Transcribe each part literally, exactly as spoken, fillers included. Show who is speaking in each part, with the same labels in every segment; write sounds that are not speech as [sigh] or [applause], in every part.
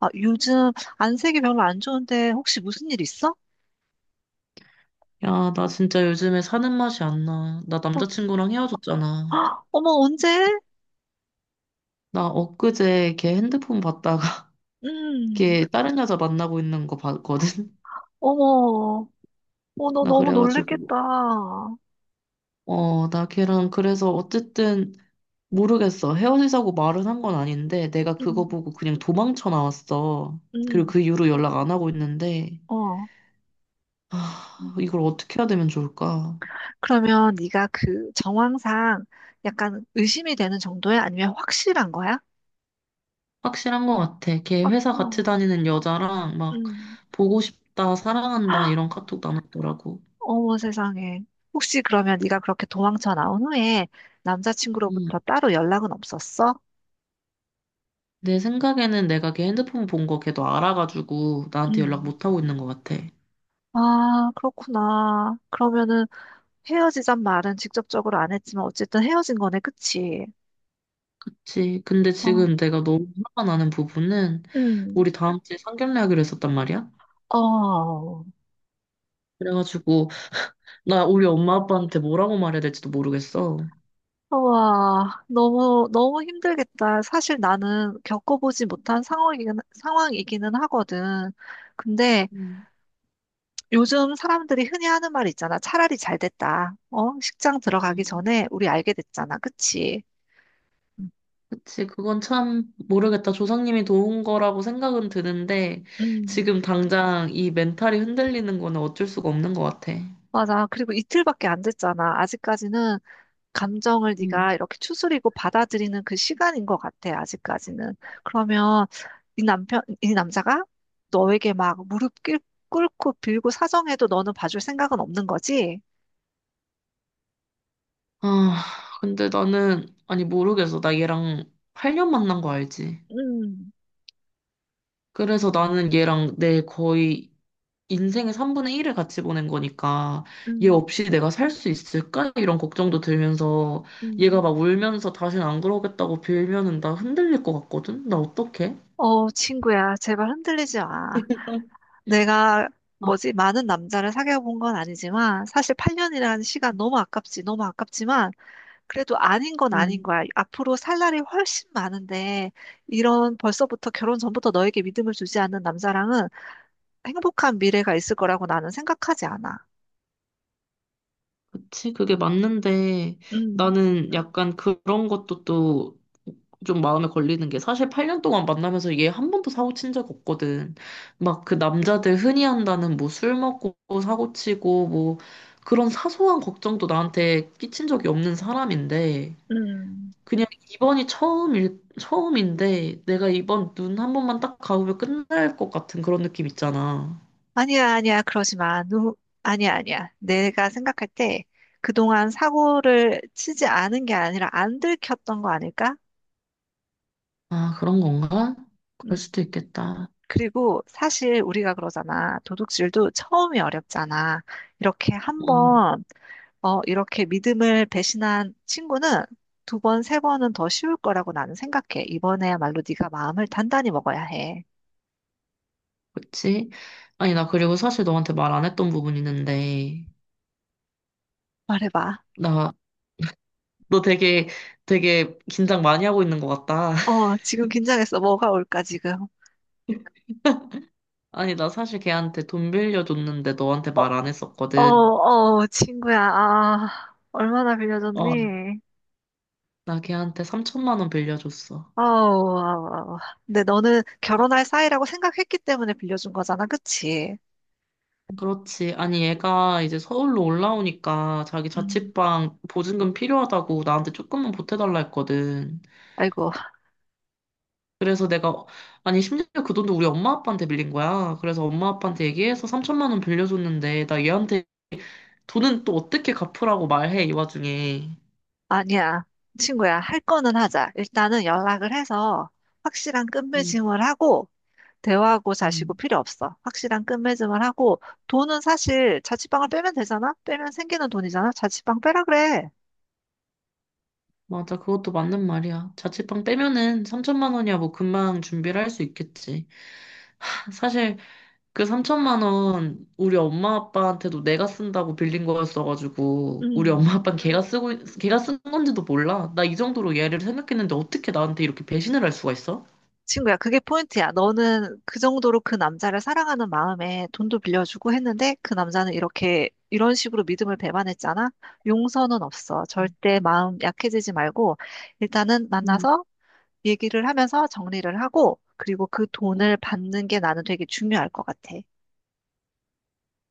Speaker 1: 아, 요즘 안색이 별로 안 좋은데 혹시 무슨 일 있어?
Speaker 2: 야, 나 진짜 요즘에 사는 맛이 안 나. 나
Speaker 1: 어,
Speaker 2: 남자친구랑 헤어졌잖아.
Speaker 1: 어머, 언제?
Speaker 2: 나 엊그제 걔 핸드폰 봤다가 [laughs]
Speaker 1: 음,
Speaker 2: 걔 다른 여자 만나고 있는 거 봤거든? [laughs]
Speaker 1: 어머, 어, 너
Speaker 2: 나
Speaker 1: 너무
Speaker 2: 그래가지고,
Speaker 1: 놀랬겠다.
Speaker 2: 어, 나 걔랑 그래서 어쨌든 모르겠어. 헤어지자고 말은 한 건 아닌데 내가
Speaker 1: 음,
Speaker 2: 그거 보고 그냥 도망쳐 나왔어. 그리고
Speaker 1: 음,
Speaker 2: 그 이후로 연락 안 하고 있는데,
Speaker 1: 어.
Speaker 2: 아, 이걸 어떻게 해야 되면 좋을까?
Speaker 1: 그러면 네가 그 정황상 약간 의심이 되는 정도야? 아니면 확실한 거야?
Speaker 2: 확실한 것 같아. 걔
Speaker 1: 확,
Speaker 2: 회사 같이
Speaker 1: 어,
Speaker 2: 다니는 여자랑 막
Speaker 1: 음.
Speaker 2: 보고 싶다, 사랑한다
Speaker 1: [gasps]
Speaker 2: 이런 카톡 나눴더라고.
Speaker 1: 어머 세상에. 혹시 그러면 네가 그렇게 도망쳐 나온 후에
Speaker 2: 음,
Speaker 1: 남자친구로부터 따로 연락은 없었어?
Speaker 2: 내 생각에는 내가 걔 핸드폰 본 거 걔도 알아가지고 나한테 연락
Speaker 1: 음.
Speaker 2: 못 하고 있는 것 같아.
Speaker 1: 아, 그렇구나. 그러면은 헤어지잔 말은 직접적으로 안 했지만 어쨌든 헤어진 거네, 그치?
Speaker 2: 그치. 근데
Speaker 1: 어,
Speaker 2: 지금 내가 너무 화가 나는 부분은
Speaker 1: 음.
Speaker 2: 우리 다음 주에 상견례 하기로 했었단 말이야.
Speaker 1: 어,
Speaker 2: 그래가지고 나 우리 엄마 아빠한테 뭐라고 말해야 될지도 모르겠어.
Speaker 1: 와, 너무, 너무 힘들겠다. 사실 나는 겪어보지 못한 상황이긴, 상황이기는 하거든. 근데
Speaker 2: 음,
Speaker 1: 요즘 사람들이 흔히 하는 말 있잖아. 차라리 잘 됐다. 어? 식장 들어가기
Speaker 2: 음.
Speaker 1: 전에 우리 알게 됐잖아. 그치?
Speaker 2: 그치. 그건 참 모르겠다. 조상님이 도운 거라고 생각은 드는데
Speaker 1: 음,
Speaker 2: 지금 당장 이 멘탈이 흔들리는 거는 어쩔 수가 없는 것 같아.
Speaker 1: 맞아. 그리고 이틀밖에 안 됐잖아. 아직까지는 감정을 네가 이렇게 추스리고 받아들이는 그 시간인 것 같아, 아직까지는. 그러면 이 남편, 이 남자가 너에게 막 무릎 꿇- 꿇고 빌고 사정해도 너는 봐줄 생각은 없는 거지?
Speaker 2: 아, 근데 나는, 아니, 모르겠어. 나 얘랑 팔 년 만난 거 알지?
Speaker 1: 음,
Speaker 2: 그래서 나는 얘랑 내 거의 인생의 삼분의 일을 같이 보낸 거니까, 얘
Speaker 1: 음,
Speaker 2: 없이 내가 살 수 있을까? 이런 걱정도 들면서, 얘가
Speaker 1: 음.
Speaker 2: 막 울면서 다신 안 그러겠다고 빌면은 나 흔들릴 것 같거든? 나 어떡해?
Speaker 1: 어, 친구야, 제발 흔들리지 마. 내가 뭐지, 많은 남자를 사귀어 본 건 아니지만, 사실 팔 년이라는 시간 너무 아깝지, 너무 아깝지만, 그래도 아닌 건 아닌
Speaker 2: 음.
Speaker 1: 거야. 앞으로 살 날이 훨씬 많은데, 이런 벌써부터 결혼 전부터 너에게 믿음을 주지 않는 남자랑은 행복한 미래가 있을 거라고 나는 생각하지 않아.
Speaker 2: 그치, 그게 맞는데
Speaker 1: 음,
Speaker 2: 나는 약간 그런 것도 또 좀 마음에 걸리는 게 사실 팔 년 동안 만나면서 얘 한 번도 사고 친 적 없거든. 막 그 남자들 흔히 한다는 뭐 술 먹고 사고 치고 뭐 그런 사소한 걱정도 나한테 끼친 적이 없는 사람인데
Speaker 1: 음,
Speaker 2: 그냥 이번이 처음일, 처음인데 내가 이번 눈 한 번만 딱 감으면 끝날 것 같은 그런 느낌 있잖아.
Speaker 1: 아니야, 아니야, 그러지 마. 누, 아니야, 아니야. 내가 생각할 때 그동안 사고를 치지 않은 게 아니라 안 들켰던 거 아닐까?
Speaker 2: 아, 그런 건가? 그럴
Speaker 1: 음,
Speaker 2: 수도 있겠다.
Speaker 1: 그리고 사실 우리가 그러잖아. 도둑질도 처음이 어렵잖아. 이렇게 한번 어, 이렇게 믿음을 배신한 친구는 두 번, 세 번은 더 쉬울 거라고 나는 생각해. 이번에야말로 네가 마음을 단단히 먹어야 해.
Speaker 2: 그치? 아니, 나 그리고 사실 너한테 말 안 했던 부분 있는데,
Speaker 1: 말해봐.
Speaker 2: 나, 너 되게, 되게 긴장 많이 하고 있는 것 같다. [laughs]
Speaker 1: 어, 지금 긴장했어. 뭐가 올까, 지금?
Speaker 2: 아니, 나 사실 걔한테 돈 빌려줬는데 너한테
Speaker 1: 어,
Speaker 2: 말 안
Speaker 1: 어,
Speaker 2: 했었거든.
Speaker 1: 어, 친구야. 아, 얼마나
Speaker 2: 어,
Speaker 1: 빌려줬니?
Speaker 2: 나 걔한테 삼천만 원 빌려줬어.
Speaker 1: 아우, 아우, 아우. 근데 너는 결혼할 사이라고 생각했기 때문에 빌려준 거잖아, 그치?
Speaker 2: 그렇지. 아니, 얘가 이제 서울로 올라오니까 자기
Speaker 1: 음,
Speaker 2: 자취방 보증금 필요하다고 나한테 조금만 보태달라 했거든.
Speaker 1: 아이고,
Speaker 2: 그래서 내가, 아니, 심지어 그 돈도 우리 엄마 아빠한테 빌린 거야. 그래서 엄마 아빠한테 얘기해서 삼천만 원 빌려줬는데, 나 얘한테 돈은 또 어떻게 갚으라고 말해, 이 와중에.
Speaker 1: 아니야. 친구야, 할 거는 하자. 일단은 연락을 해서 확실한
Speaker 2: 음,
Speaker 1: 끝맺음을 하고, 대화하고 자시고
Speaker 2: 음,
Speaker 1: 필요 없어. 확실한 끝맺음을 하고 돈은 사실 자취방을 빼면 되잖아? 빼면 생기는 돈이잖아? 자취방 빼라 그래.
Speaker 2: 맞아. 그것도 맞는 말이야. 자취방 빼면은 삼천만 원이야 뭐 금방 준비를 할 수 있겠지. 사실 그 삼천만 원 우리 엄마 아빠한테도 내가 쓴다고 빌린 거였어가지고 우리 엄마
Speaker 1: 음,
Speaker 2: 아빠는 걔가 쓰고 있- 걔가 쓴 건지도 몰라. 나 이 정도로 얘를 생각했는데 어떻게 나한테 이렇게 배신을 할 수가 있어?
Speaker 1: 친구야, 그게 포인트야. 너는 그 정도로 그 남자를 사랑하는 마음에 돈도 빌려주고 했는데 그 남자는 이렇게 이런 식으로 믿음을 배반했잖아? 용서는 없어. 절대 마음 약해지지 말고 일단은
Speaker 2: 음.
Speaker 1: 만나서 얘기를 하면서 정리를 하고 그리고 그 돈을 받는 게 나는 되게 중요할 것 같아.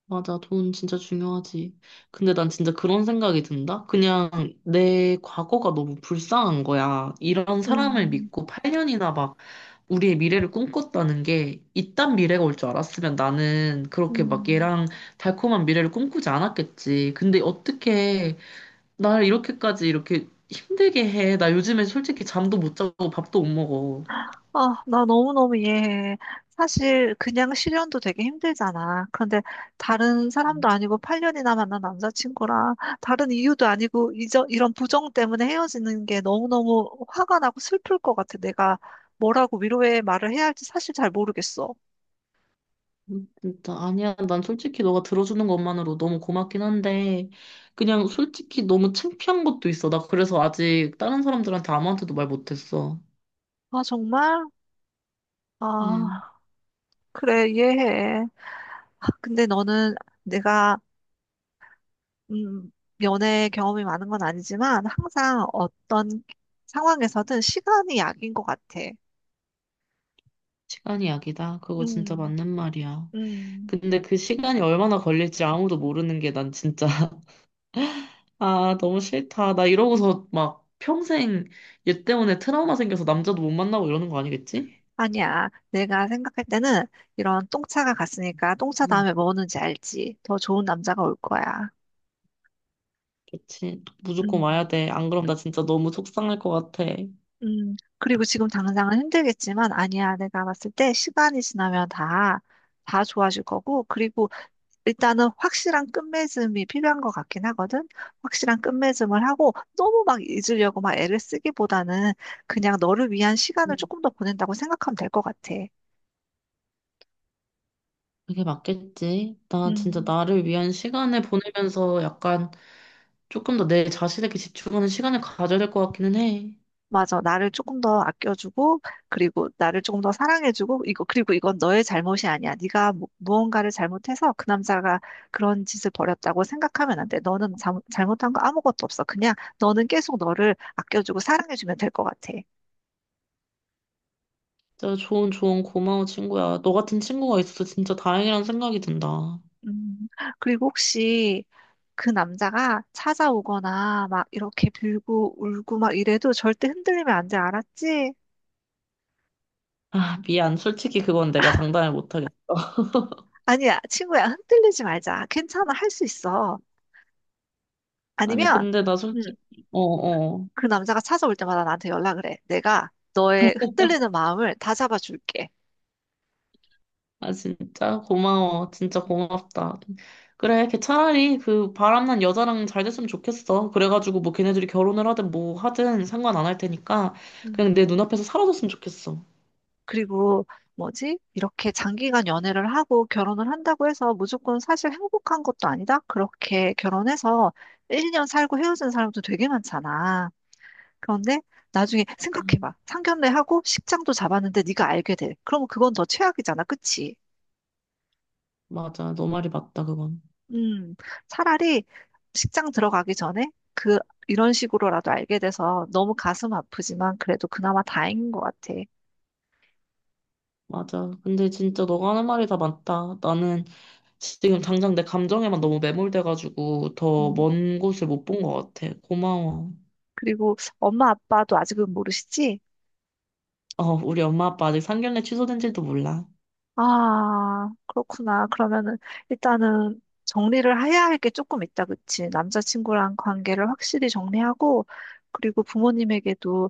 Speaker 2: 맞아, 돈 진짜 중요하지. 근데 난 진짜 그런 생각이 든다? 그냥 내 과거가 너무 불쌍한 거야. 이런 사람을
Speaker 1: 음,
Speaker 2: 믿고 팔 년이나 막 우리의 미래를 꿈꿨다는 게 이딴 미래가 올 줄 알았으면 나는 그렇게 막
Speaker 1: 음.
Speaker 2: 얘랑 달콤한 미래를 꿈꾸지 않았겠지. 근데 어떻게 날 이렇게까지 이렇게 힘들게 해. 나 요즘에 솔직히 잠도 못 자고 밥도 못 먹어.
Speaker 1: 아, 나 너무너무 이해해. 사실 그냥 실연도 되게 힘들잖아. 그런데 다른 사람도 아니고 팔 년이나 만난 남자친구랑 다른 이유도 아니고 이저, 이런 부정 때문에 헤어지는 게 너무너무 화가 나고 슬플 것 같아. 내가 뭐라고 위로의 말을 해야 할지 사실 잘 모르겠어.
Speaker 2: 음, 진짜 아니야. 난 솔직히 너가 들어주는 것만으로 너무 고맙긴 한데 그냥 솔직히 너무 창피한 것도 있어. 나 그래서 아직 다른 사람들한테 아무한테도 말 못했어.
Speaker 1: 아, 정말? 아,
Speaker 2: 음,
Speaker 1: 그래, 이해해. 아, 근데 너는 내가, 음, 연애 경험이 많은 건 아니지만 항상 어떤 상황에서든 시간이 약인 것 같아.
Speaker 2: 시간이 약이다. 그거 진짜
Speaker 1: 음,
Speaker 2: 맞는 말이야.
Speaker 1: 음.
Speaker 2: 근데 그 시간이 얼마나 걸릴지 아무도 모르는 게 난 진짜 [laughs] 아, 너무 싫다. 나 이러고서 막 평생 얘 때문에 트라우마 생겨서 남자도 못 만나고 이러는 거 아니겠지?
Speaker 1: 아니야. 내가 생각할 때는 이런 똥차가 갔으니까 똥차
Speaker 2: 음,
Speaker 1: 다음에 뭐 오는지 알지. 더 좋은 남자가 올 거야.
Speaker 2: 그치. 무조건
Speaker 1: 음,
Speaker 2: 와야 돼. 안 그럼 나 진짜 너무 속상할 것 같아.
Speaker 1: 음. 그리고 지금 당장은 힘들겠지만 아니야. 내가 봤을 때 시간이 지나면 다, 다 좋아질 거고. 그리고 일단은 확실한 끝맺음이 필요한 것 같긴 하거든. 확실한 끝맺음을 하고 너무 막 잊으려고 막 애를 쓰기보다는 그냥 너를 위한 시간을 조금 더 보낸다고 생각하면 될 것 같아.
Speaker 2: 그게 맞겠지. 나 진짜
Speaker 1: 음.
Speaker 2: 나를 위한 시간을 보내면서 약간 조금 더 내 자신에게 집중하는 시간을 가져야 될 것 같기는 해.
Speaker 1: 맞아. 나를 조금 더 아껴주고, 그리고 나를 조금 더 사랑해주고, 이거, 그리고 이건 너의 잘못이 아니야. 네가 무, 무언가를 잘못해서 그 남자가 그런 짓을 벌였다고 생각하면 안 돼. 너는 잘, 잘못한 거 아무것도 없어. 그냥 너는 계속 너를 아껴주고 사랑해주면 될 것 같아.
Speaker 2: 진짜 좋은 좋은 고마워 친구야. 너 같은 친구가 있어서 진짜 다행이라는 생각이 든다.
Speaker 1: 음, 그리고 혹시 그 남자가 찾아오거나 막 이렇게 빌고 울고 막 이래도 절대 흔들리면 안 돼. 알았지?
Speaker 2: 아, 미안. 솔직히 그건 내가 장담을 못하겠어. [laughs]
Speaker 1: 아니야, 친구야. 흔들리지 말자. 괜찮아. 할 수 있어.
Speaker 2: 아니,
Speaker 1: 아니면,
Speaker 2: 근데 나
Speaker 1: 음,
Speaker 2: 솔직히, 어어.
Speaker 1: 그 남자가 찾아올 때마다 나한테 연락을 해. 내가 너의 흔들리는 마음을 다 잡아줄게.
Speaker 2: 아, 진짜? 고마워. 진짜
Speaker 1: 음,
Speaker 2: 고맙다. 그래, 걔 차라리 그 바람난 여자랑 잘 됐으면 좋겠어. 그래가지고 뭐 걔네들이 결혼을 하든 뭐 하든 상관 안 할 테니까
Speaker 1: 음.
Speaker 2: 그냥 내 눈앞에서 사라졌으면 좋겠어.
Speaker 1: 그리고 뭐지? 이렇게 장기간 연애를 하고 결혼을 한다고 해서 무조건 사실 행복한 것도 아니다. 그렇게 결혼해서 일 년 살고 헤어진 사람도 되게 많잖아. 그런데 나중에 생각해봐. 상견례하고 식장도 잡았는데 네가 알게 돼. 그러면 그건 더 최악이잖아. 그치?
Speaker 2: 맞아. 너 말이 맞다, 그건.
Speaker 1: 음, 차라리 식장 들어가기 전에 그, 이런 식으로라도 알게 돼서 너무 가슴 아프지만 그래도 그나마 다행인 것 같아.
Speaker 2: 맞아. 근데 진짜 너가 하는 말이 다 맞다. 나는 지금 당장 내 감정에만 너무 매몰돼가지고 더
Speaker 1: 음,
Speaker 2: 먼 곳을 못 본 것 같아. 고마워.
Speaker 1: 그리고 엄마 아빠도 아직은 모르시지?
Speaker 2: 어, 우리 엄마 아빠 아직 상견례 취소된지도 몰라.
Speaker 1: 아, 그렇구나. 그러면은 일단은 정리를 해야 할 게 조금 있다, 그치? 남자친구랑 관계를 확실히 정리하고, 그리고 부모님에게도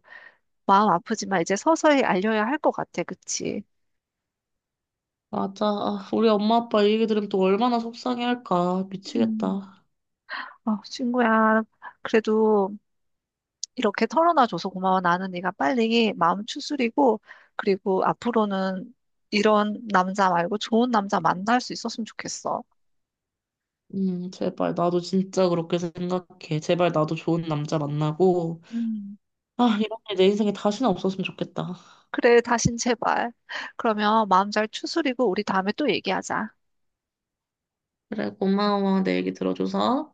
Speaker 1: 마음 아프지만 이제 서서히 알려야 할 것 같아, 그치?
Speaker 2: 맞아. 아, 우리 엄마 아빠 이 얘기 들으면 또 얼마나 속상해할까.
Speaker 1: 음,
Speaker 2: 미치겠다.
Speaker 1: 아, 친구야. 그래도 이렇게 털어놔줘서 고마워. 나는 네가 빨리 마음 추스리고, 그리고 앞으로는 이런 남자 말고 좋은 남자 만날 수 있었으면 좋겠어.
Speaker 2: 음, 제발 나도 진짜 그렇게 생각해. 제발 나도 좋은 남자 만나고.
Speaker 1: 음,
Speaker 2: 아, 이런 일 내 인생에 다시는 없었으면 좋겠다.
Speaker 1: 그래, 다신 제발. 그러면 마음 잘 추스리고 우리 다음에 또 얘기하자.
Speaker 2: 그래, 고마워. 내 얘기 들어줘서.